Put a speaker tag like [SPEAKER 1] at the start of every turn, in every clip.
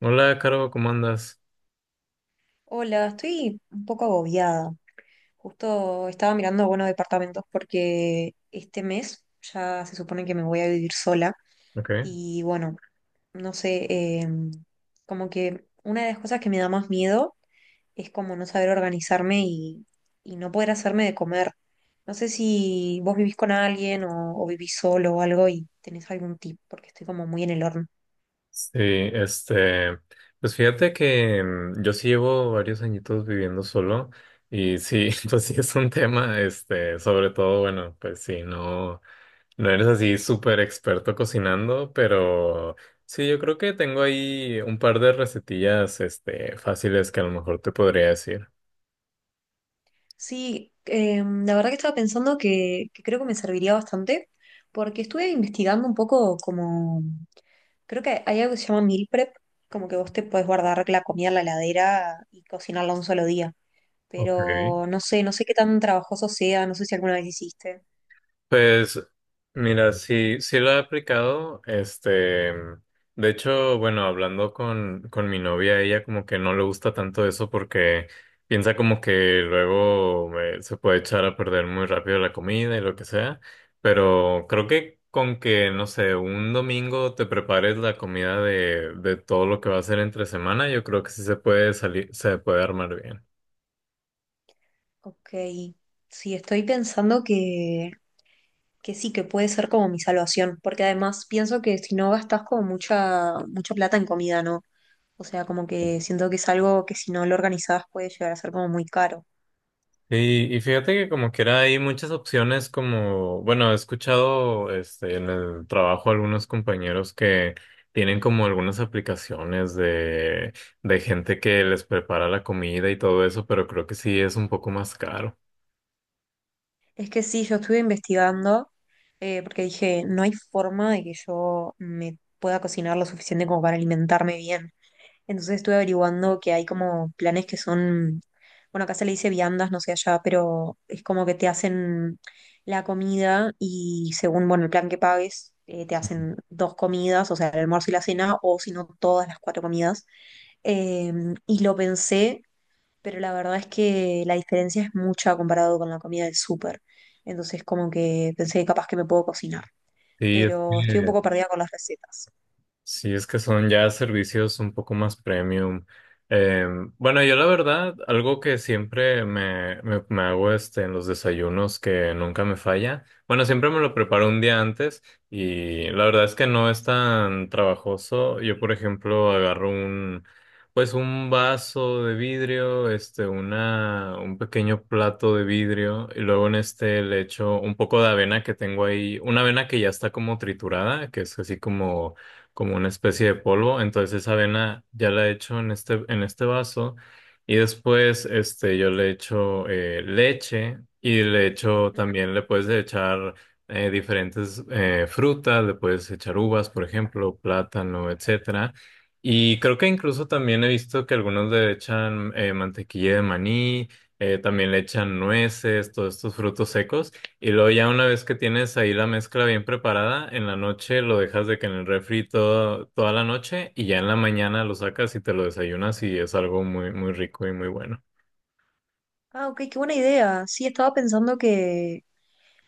[SPEAKER 1] Hola, Caro, ¿cómo andas?
[SPEAKER 2] Hola, estoy un poco agobiada. Justo estaba mirando, buenos departamentos porque este mes ya se supone que me voy a vivir sola
[SPEAKER 1] Ok.
[SPEAKER 2] y bueno, no sé, como que una de las cosas que me da más miedo es como no saber organizarme y no poder hacerme de comer. No sé si vos vivís con alguien o vivís solo o algo y tenés algún tip porque estoy como muy en el horno.
[SPEAKER 1] Sí, este, pues fíjate que yo sí llevo varios añitos viviendo solo y sí, pues sí es un tema, este, sobre todo, bueno, pues sí, no, no eres así súper experto cocinando, pero sí, yo creo que tengo ahí un par de recetillas, este, fáciles que a lo mejor te podría decir.
[SPEAKER 2] Sí, la verdad que estaba pensando que creo que me serviría bastante, porque estuve investigando un poco como, creo que hay algo que se llama meal prep, como que vos te podés guardar la comida en la heladera y cocinarla un solo día,
[SPEAKER 1] Ok.
[SPEAKER 2] pero no sé, no sé qué tan trabajoso sea, no sé si alguna vez hiciste.
[SPEAKER 1] Pues mira, sí, sí lo he aplicado, este, de hecho, bueno, hablando con mi novia, ella como que no le gusta tanto eso porque piensa como que luego se puede echar a perder muy rápido la comida y lo que sea, pero creo que con que, no sé, un domingo te prepares la comida de todo lo que va a ser entre semana, yo creo que sí se puede salir, se puede armar bien.
[SPEAKER 2] Ok, sí, estoy pensando que sí, que puede ser como mi salvación, porque además pienso que si no gastas como mucha, mucha plata en comida, ¿no? O sea, como que siento que es algo que si no lo organizás puede llegar a ser como muy caro.
[SPEAKER 1] Sí, y fíjate que como que era hay muchas opciones como, bueno, he escuchado este en el trabajo algunos compañeros que tienen como algunas aplicaciones de gente que les prepara la comida y todo eso, pero creo que sí es un poco más caro.
[SPEAKER 2] Es que sí, yo estuve investigando, porque dije, no hay forma de que yo me pueda cocinar lo suficiente como para alimentarme bien. Entonces estuve averiguando que hay como planes que son, bueno, acá se le dice viandas, no sé allá, pero es como que te hacen la comida y según, bueno, el plan que pagues, te hacen dos comidas, o sea, el almuerzo y la cena, o si no, todas las cuatro comidas. Eh, y lo pensé, pero la verdad es que la diferencia es mucha comparado con la comida del súper. Entonces como que pensé que capaz que me puedo cocinar,
[SPEAKER 1] Sí, es
[SPEAKER 2] pero estoy un
[SPEAKER 1] que
[SPEAKER 2] poco perdida con las recetas.
[SPEAKER 1] sí, es que son ya servicios un poco más premium. Eh, bueno, yo la verdad, algo que siempre me hago este, en los desayunos que nunca me falla. Bueno, siempre me lo preparo un día antes y la verdad es que no es tan trabajoso. Yo, por ejemplo, pues un vaso de vidrio, este, un pequeño plato de vidrio y luego en este le echo un poco de avena que tengo ahí, una avena que ya está como triturada, que es así como como una especie de polvo. Entonces esa avena ya la echo en este vaso y después este, yo le echo leche y le echo también, le puedes echar diferentes frutas, le puedes echar uvas, por ejemplo, plátano, etcétera. Y creo que incluso también he visto que algunos le echan mantequilla de maní, también le echan nueces, todos estos frutos secos. Y luego ya una vez que tienes ahí la mezcla bien preparada, en la noche lo dejas de que en el refri todo, toda la noche y ya en la mañana lo sacas y te lo desayunas y es algo muy, muy rico y muy bueno.
[SPEAKER 2] Ah, ok, qué buena idea. Sí, estaba pensando que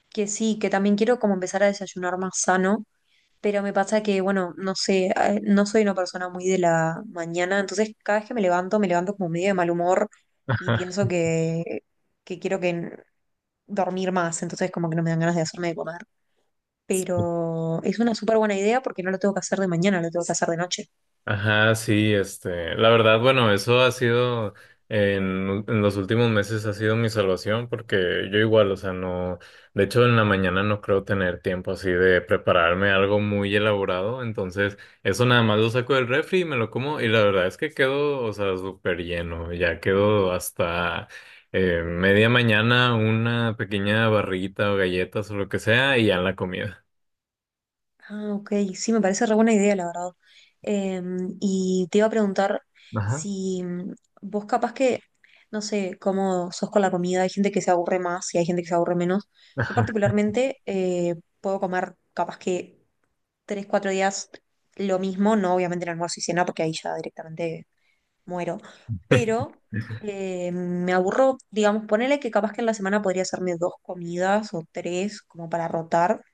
[SPEAKER 2] que sí, que también quiero como empezar a desayunar más sano, pero me pasa que, bueno, no sé, no soy una persona muy de la mañana, entonces cada vez que me levanto como medio de mal humor y pienso que quiero dormir más, entonces como que no me dan ganas de hacerme de comer. Pero es una súper buena idea porque no lo tengo que hacer de mañana, lo tengo que hacer de noche.
[SPEAKER 1] Ajá, sí, este, la verdad, bueno, eso ha sido en los últimos meses ha sido mi salvación porque yo igual, o sea, no, de hecho en la mañana no creo tener tiempo así de prepararme algo muy elaborado, entonces eso nada más lo saco del refri y me lo como y la verdad es que quedo, o sea, súper lleno, ya quedo hasta media mañana una pequeña barrita o galletas o lo que sea y ya en la comida.
[SPEAKER 2] Ah, ok, sí, me parece re buena idea, la verdad. Em, y te iba a preguntar
[SPEAKER 1] Ajá.
[SPEAKER 2] si vos capaz que, no sé, cómo sos con la comida, hay gente que se aburre más y hay gente que se aburre menos. Yo
[SPEAKER 1] Ajá.
[SPEAKER 2] particularmente puedo comer capaz que tres, cuatro días lo mismo, no obviamente en almuerzo y cena, porque ahí ya directamente muero, pero me aburro, digamos, ponele que capaz que en la semana podría hacerme dos comidas o tres como para rotar,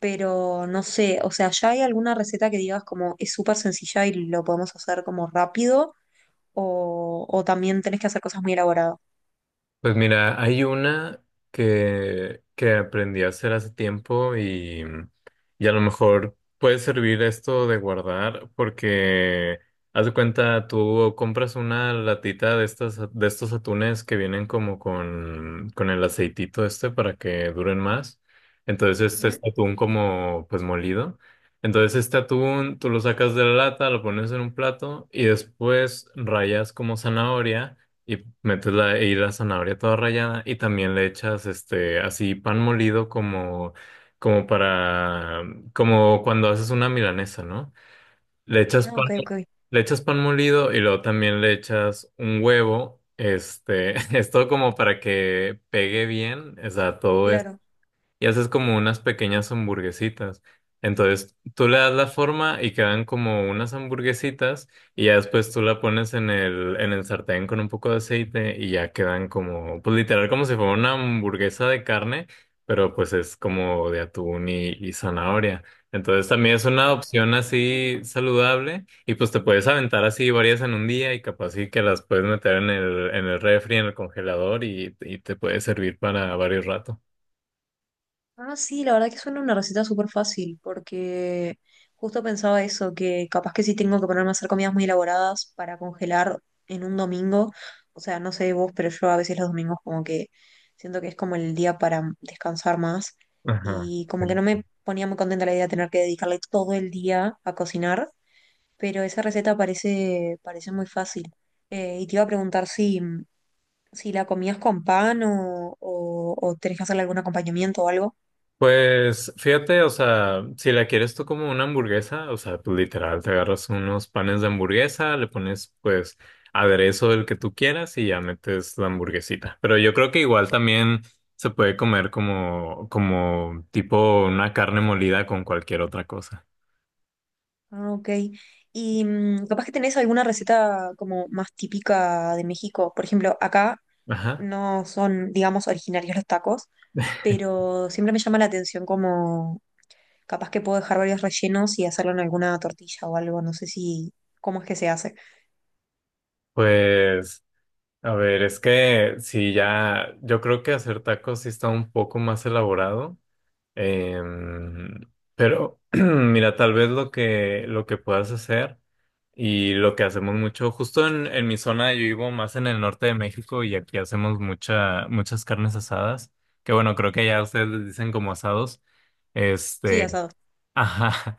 [SPEAKER 2] pero no sé, o sea, ¿ya hay alguna receta que digas como es súper sencilla y lo podemos hacer como rápido? ¿O también tenés que hacer cosas muy elaboradas?
[SPEAKER 1] Pues mira, hay una que aprendí a hacer hace tiempo y a lo mejor puede servir esto de guardar porque haz de cuenta, tú compras una latita de estas, de estos atunes que vienen como con el aceitito este para que duren más. Entonces este es
[SPEAKER 2] Ujú.
[SPEAKER 1] atún como pues molido. Entonces este atún tú lo sacas de la lata, lo pones en un plato y después rayas como zanahoria. Y metes la, y la zanahoria toda rallada y también le echas este así pan molido como, como para, como cuando haces una milanesa, ¿no? Le echas
[SPEAKER 2] Ah,
[SPEAKER 1] pan,
[SPEAKER 2] ok, ok,
[SPEAKER 1] le echas pan molido y luego también le echas un huevo, este, es todo como para que pegue bien, o sea, todo
[SPEAKER 2] claro.
[SPEAKER 1] y haces como unas pequeñas hamburguesitas. Entonces tú le das la forma y quedan como unas hamburguesitas y ya después tú la pones en el sartén con un poco de aceite y ya quedan como, pues literal como si fuera una hamburguesa de carne, pero pues es como de atún y zanahoria. Entonces también es una
[SPEAKER 2] Ah,
[SPEAKER 1] opción así saludable y pues te puedes aventar así varias en un día y capaz sí que las puedes meter en el refri, en el congelador y te puede servir para varios ratos.
[SPEAKER 2] ah, sí, la verdad que suena una receta súper fácil, porque justo pensaba eso, que capaz que sí tengo que ponerme a hacer comidas muy elaboradas para congelar en un domingo. O sea, no sé vos, pero yo a veces los domingos como que siento que es como el día para descansar más
[SPEAKER 1] Ajá.
[SPEAKER 2] y como que
[SPEAKER 1] Sí.
[SPEAKER 2] no me ponía muy contenta la idea de tener que dedicarle todo el día a cocinar, pero esa receta parece, parece muy fácil. Y te iba a preguntar si, si la comías con pan o tenés que hacerle algún acompañamiento o algo.
[SPEAKER 1] Pues fíjate, o sea, si la quieres tú como una hamburguesa, o sea, pues literal, te agarras unos panes de hamburguesa, le pones pues aderezo el que tú quieras y ya metes la hamburguesita. Pero yo creo que igual también se puede comer como, como tipo una carne molida con cualquier otra cosa.
[SPEAKER 2] Ah, ok. Y capaz que tenés alguna receta como más típica de México. Por ejemplo, acá
[SPEAKER 1] Ajá.
[SPEAKER 2] no son, digamos, originarios los tacos, pero siempre me llama la atención como capaz que puedo dejar varios rellenos y hacerlo en alguna tortilla o algo. No sé si, cómo es que se hace.
[SPEAKER 1] Pues, a ver, es que si ya, yo creo que hacer tacos sí está un poco más elaborado. Em, pero mira, tal vez lo que puedas hacer y lo que hacemos mucho, justo en mi zona, yo vivo más en el norte de México y aquí hacemos mucha, muchas carnes asadas, que bueno, creo que ya ustedes les dicen como asados.
[SPEAKER 2] Sí,
[SPEAKER 1] Este,
[SPEAKER 2] asado.
[SPEAKER 1] ajá.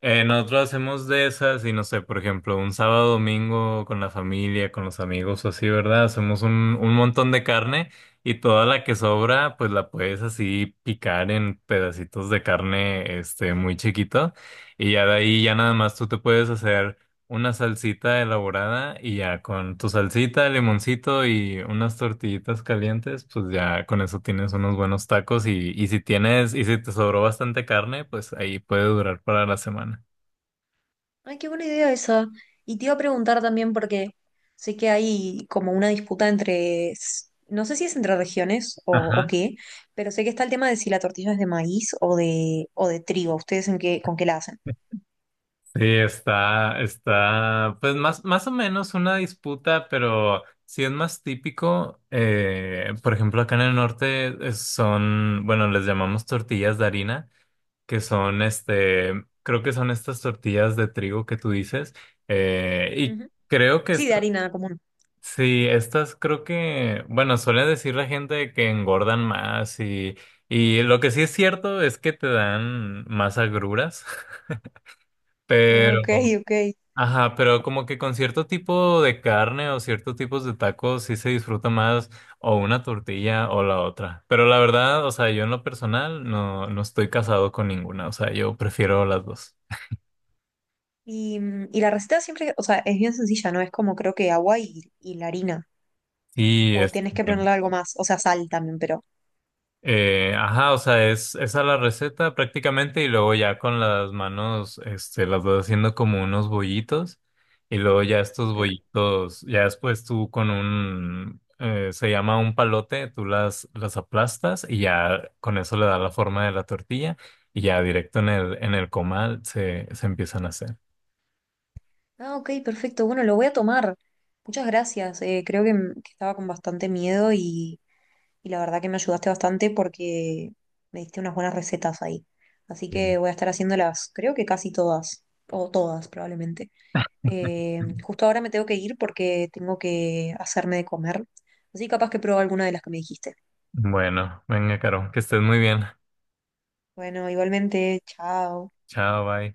[SPEAKER 1] Nosotros hacemos de esas y no sé, por ejemplo, un sábado, domingo con la familia, con los amigos o así, ¿verdad? Hacemos un montón de carne y toda la que sobra, pues la puedes así picar en pedacitos de carne, este, muy chiquito y ya de ahí ya nada más tú te puedes hacer una salsita elaborada y ya con tu salsita, limoncito y unas tortillitas calientes, pues ya con eso tienes unos buenos tacos y si tienes, y si te sobró bastante carne, pues ahí puede durar para la semana.
[SPEAKER 2] Ay, qué buena idea esa. Y te iba a preguntar también porque sé que hay como una disputa entre, no sé si es entre regiones o
[SPEAKER 1] Ajá.
[SPEAKER 2] qué, pero sé que está el tema de si la tortilla es de maíz o de trigo. ¿Ustedes en qué, con qué la hacen?
[SPEAKER 1] Sí, está, está, pues más, más o menos una disputa, pero si es más típico, por ejemplo, acá en el norte son, bueno, les llamamos tortillas de harina que son este, creo que son estas tortillas de trigo que tú dices. Eh, y
[SPEAKER 2] Ujú.
[SPEAKER 1] creo que
[SPEAKER 2] Sí, de
[SPEAKER 1] estas,
[SPEAKER 2] harina común.
[SPEAKER 1] sí, estas creo que, bueno, suele decir la gente que engordan más y lo que sí es cierto es que te dan más agruras, pero,
[SPEAKER 2] Ok, ok.
[SPEAKER 1] ajá, pero como que con cierto tipo de carne o ciertos tipos de tacos sí se disfruta más o una tortilla o la otra. Pero la verdad, o sea, yo en lo personal no, no estoy casado con ninguna, o sea, yo prefiero las dos.
[SPEAKER 2] Y, y la receta siempre, o sea, es bien sencilla, ¿no? Es como creo que agua y la harina.
[SPEAKER 1] Sí,
[SPEAKER 2] O
[SPEAKER 1] este,
[SPEAKER 2] tienes que ponerle algo más, o sea, sal también, pero...
[SPEAKER 1] ajá, o sea, es esa la receta prácticamente y luego ya con las manos, este, las vas haciendo como unos bollitos y luego ya estos
[SPEAKER 2] Ok.
[SPEAKER 1] bollitos, ya después se llama un palote, tú las aplastas y ya con eso le da la forma de la tortilla y ya directo en el comal se, se empiezan a hacer.
[SPEAKER 2] Ah, ok, perfecto. Bueno, lo voy a tomar. Muchas gracias. Creo que, que estaba con bastante miedo y la verdad que me ayudaste bastante porque me diste unas buenas recetas ahí. Así
[SPEAKER 1] Sí.
[SPEAKER 2] que voy a estar haciéndolas, creo que casi todas, o todas probablemente. Justo ahora me tengo que ir porque tengo que hacerme de comer. Así capaz que pruebo alguna de las que me dijiste.
[SPEAKER 1] Bueno, venga, Caro, que estés muy bien.
[SPEAKER 2] Bueno, igualmente, chao.
[SPEAKER 1] Chao, bye.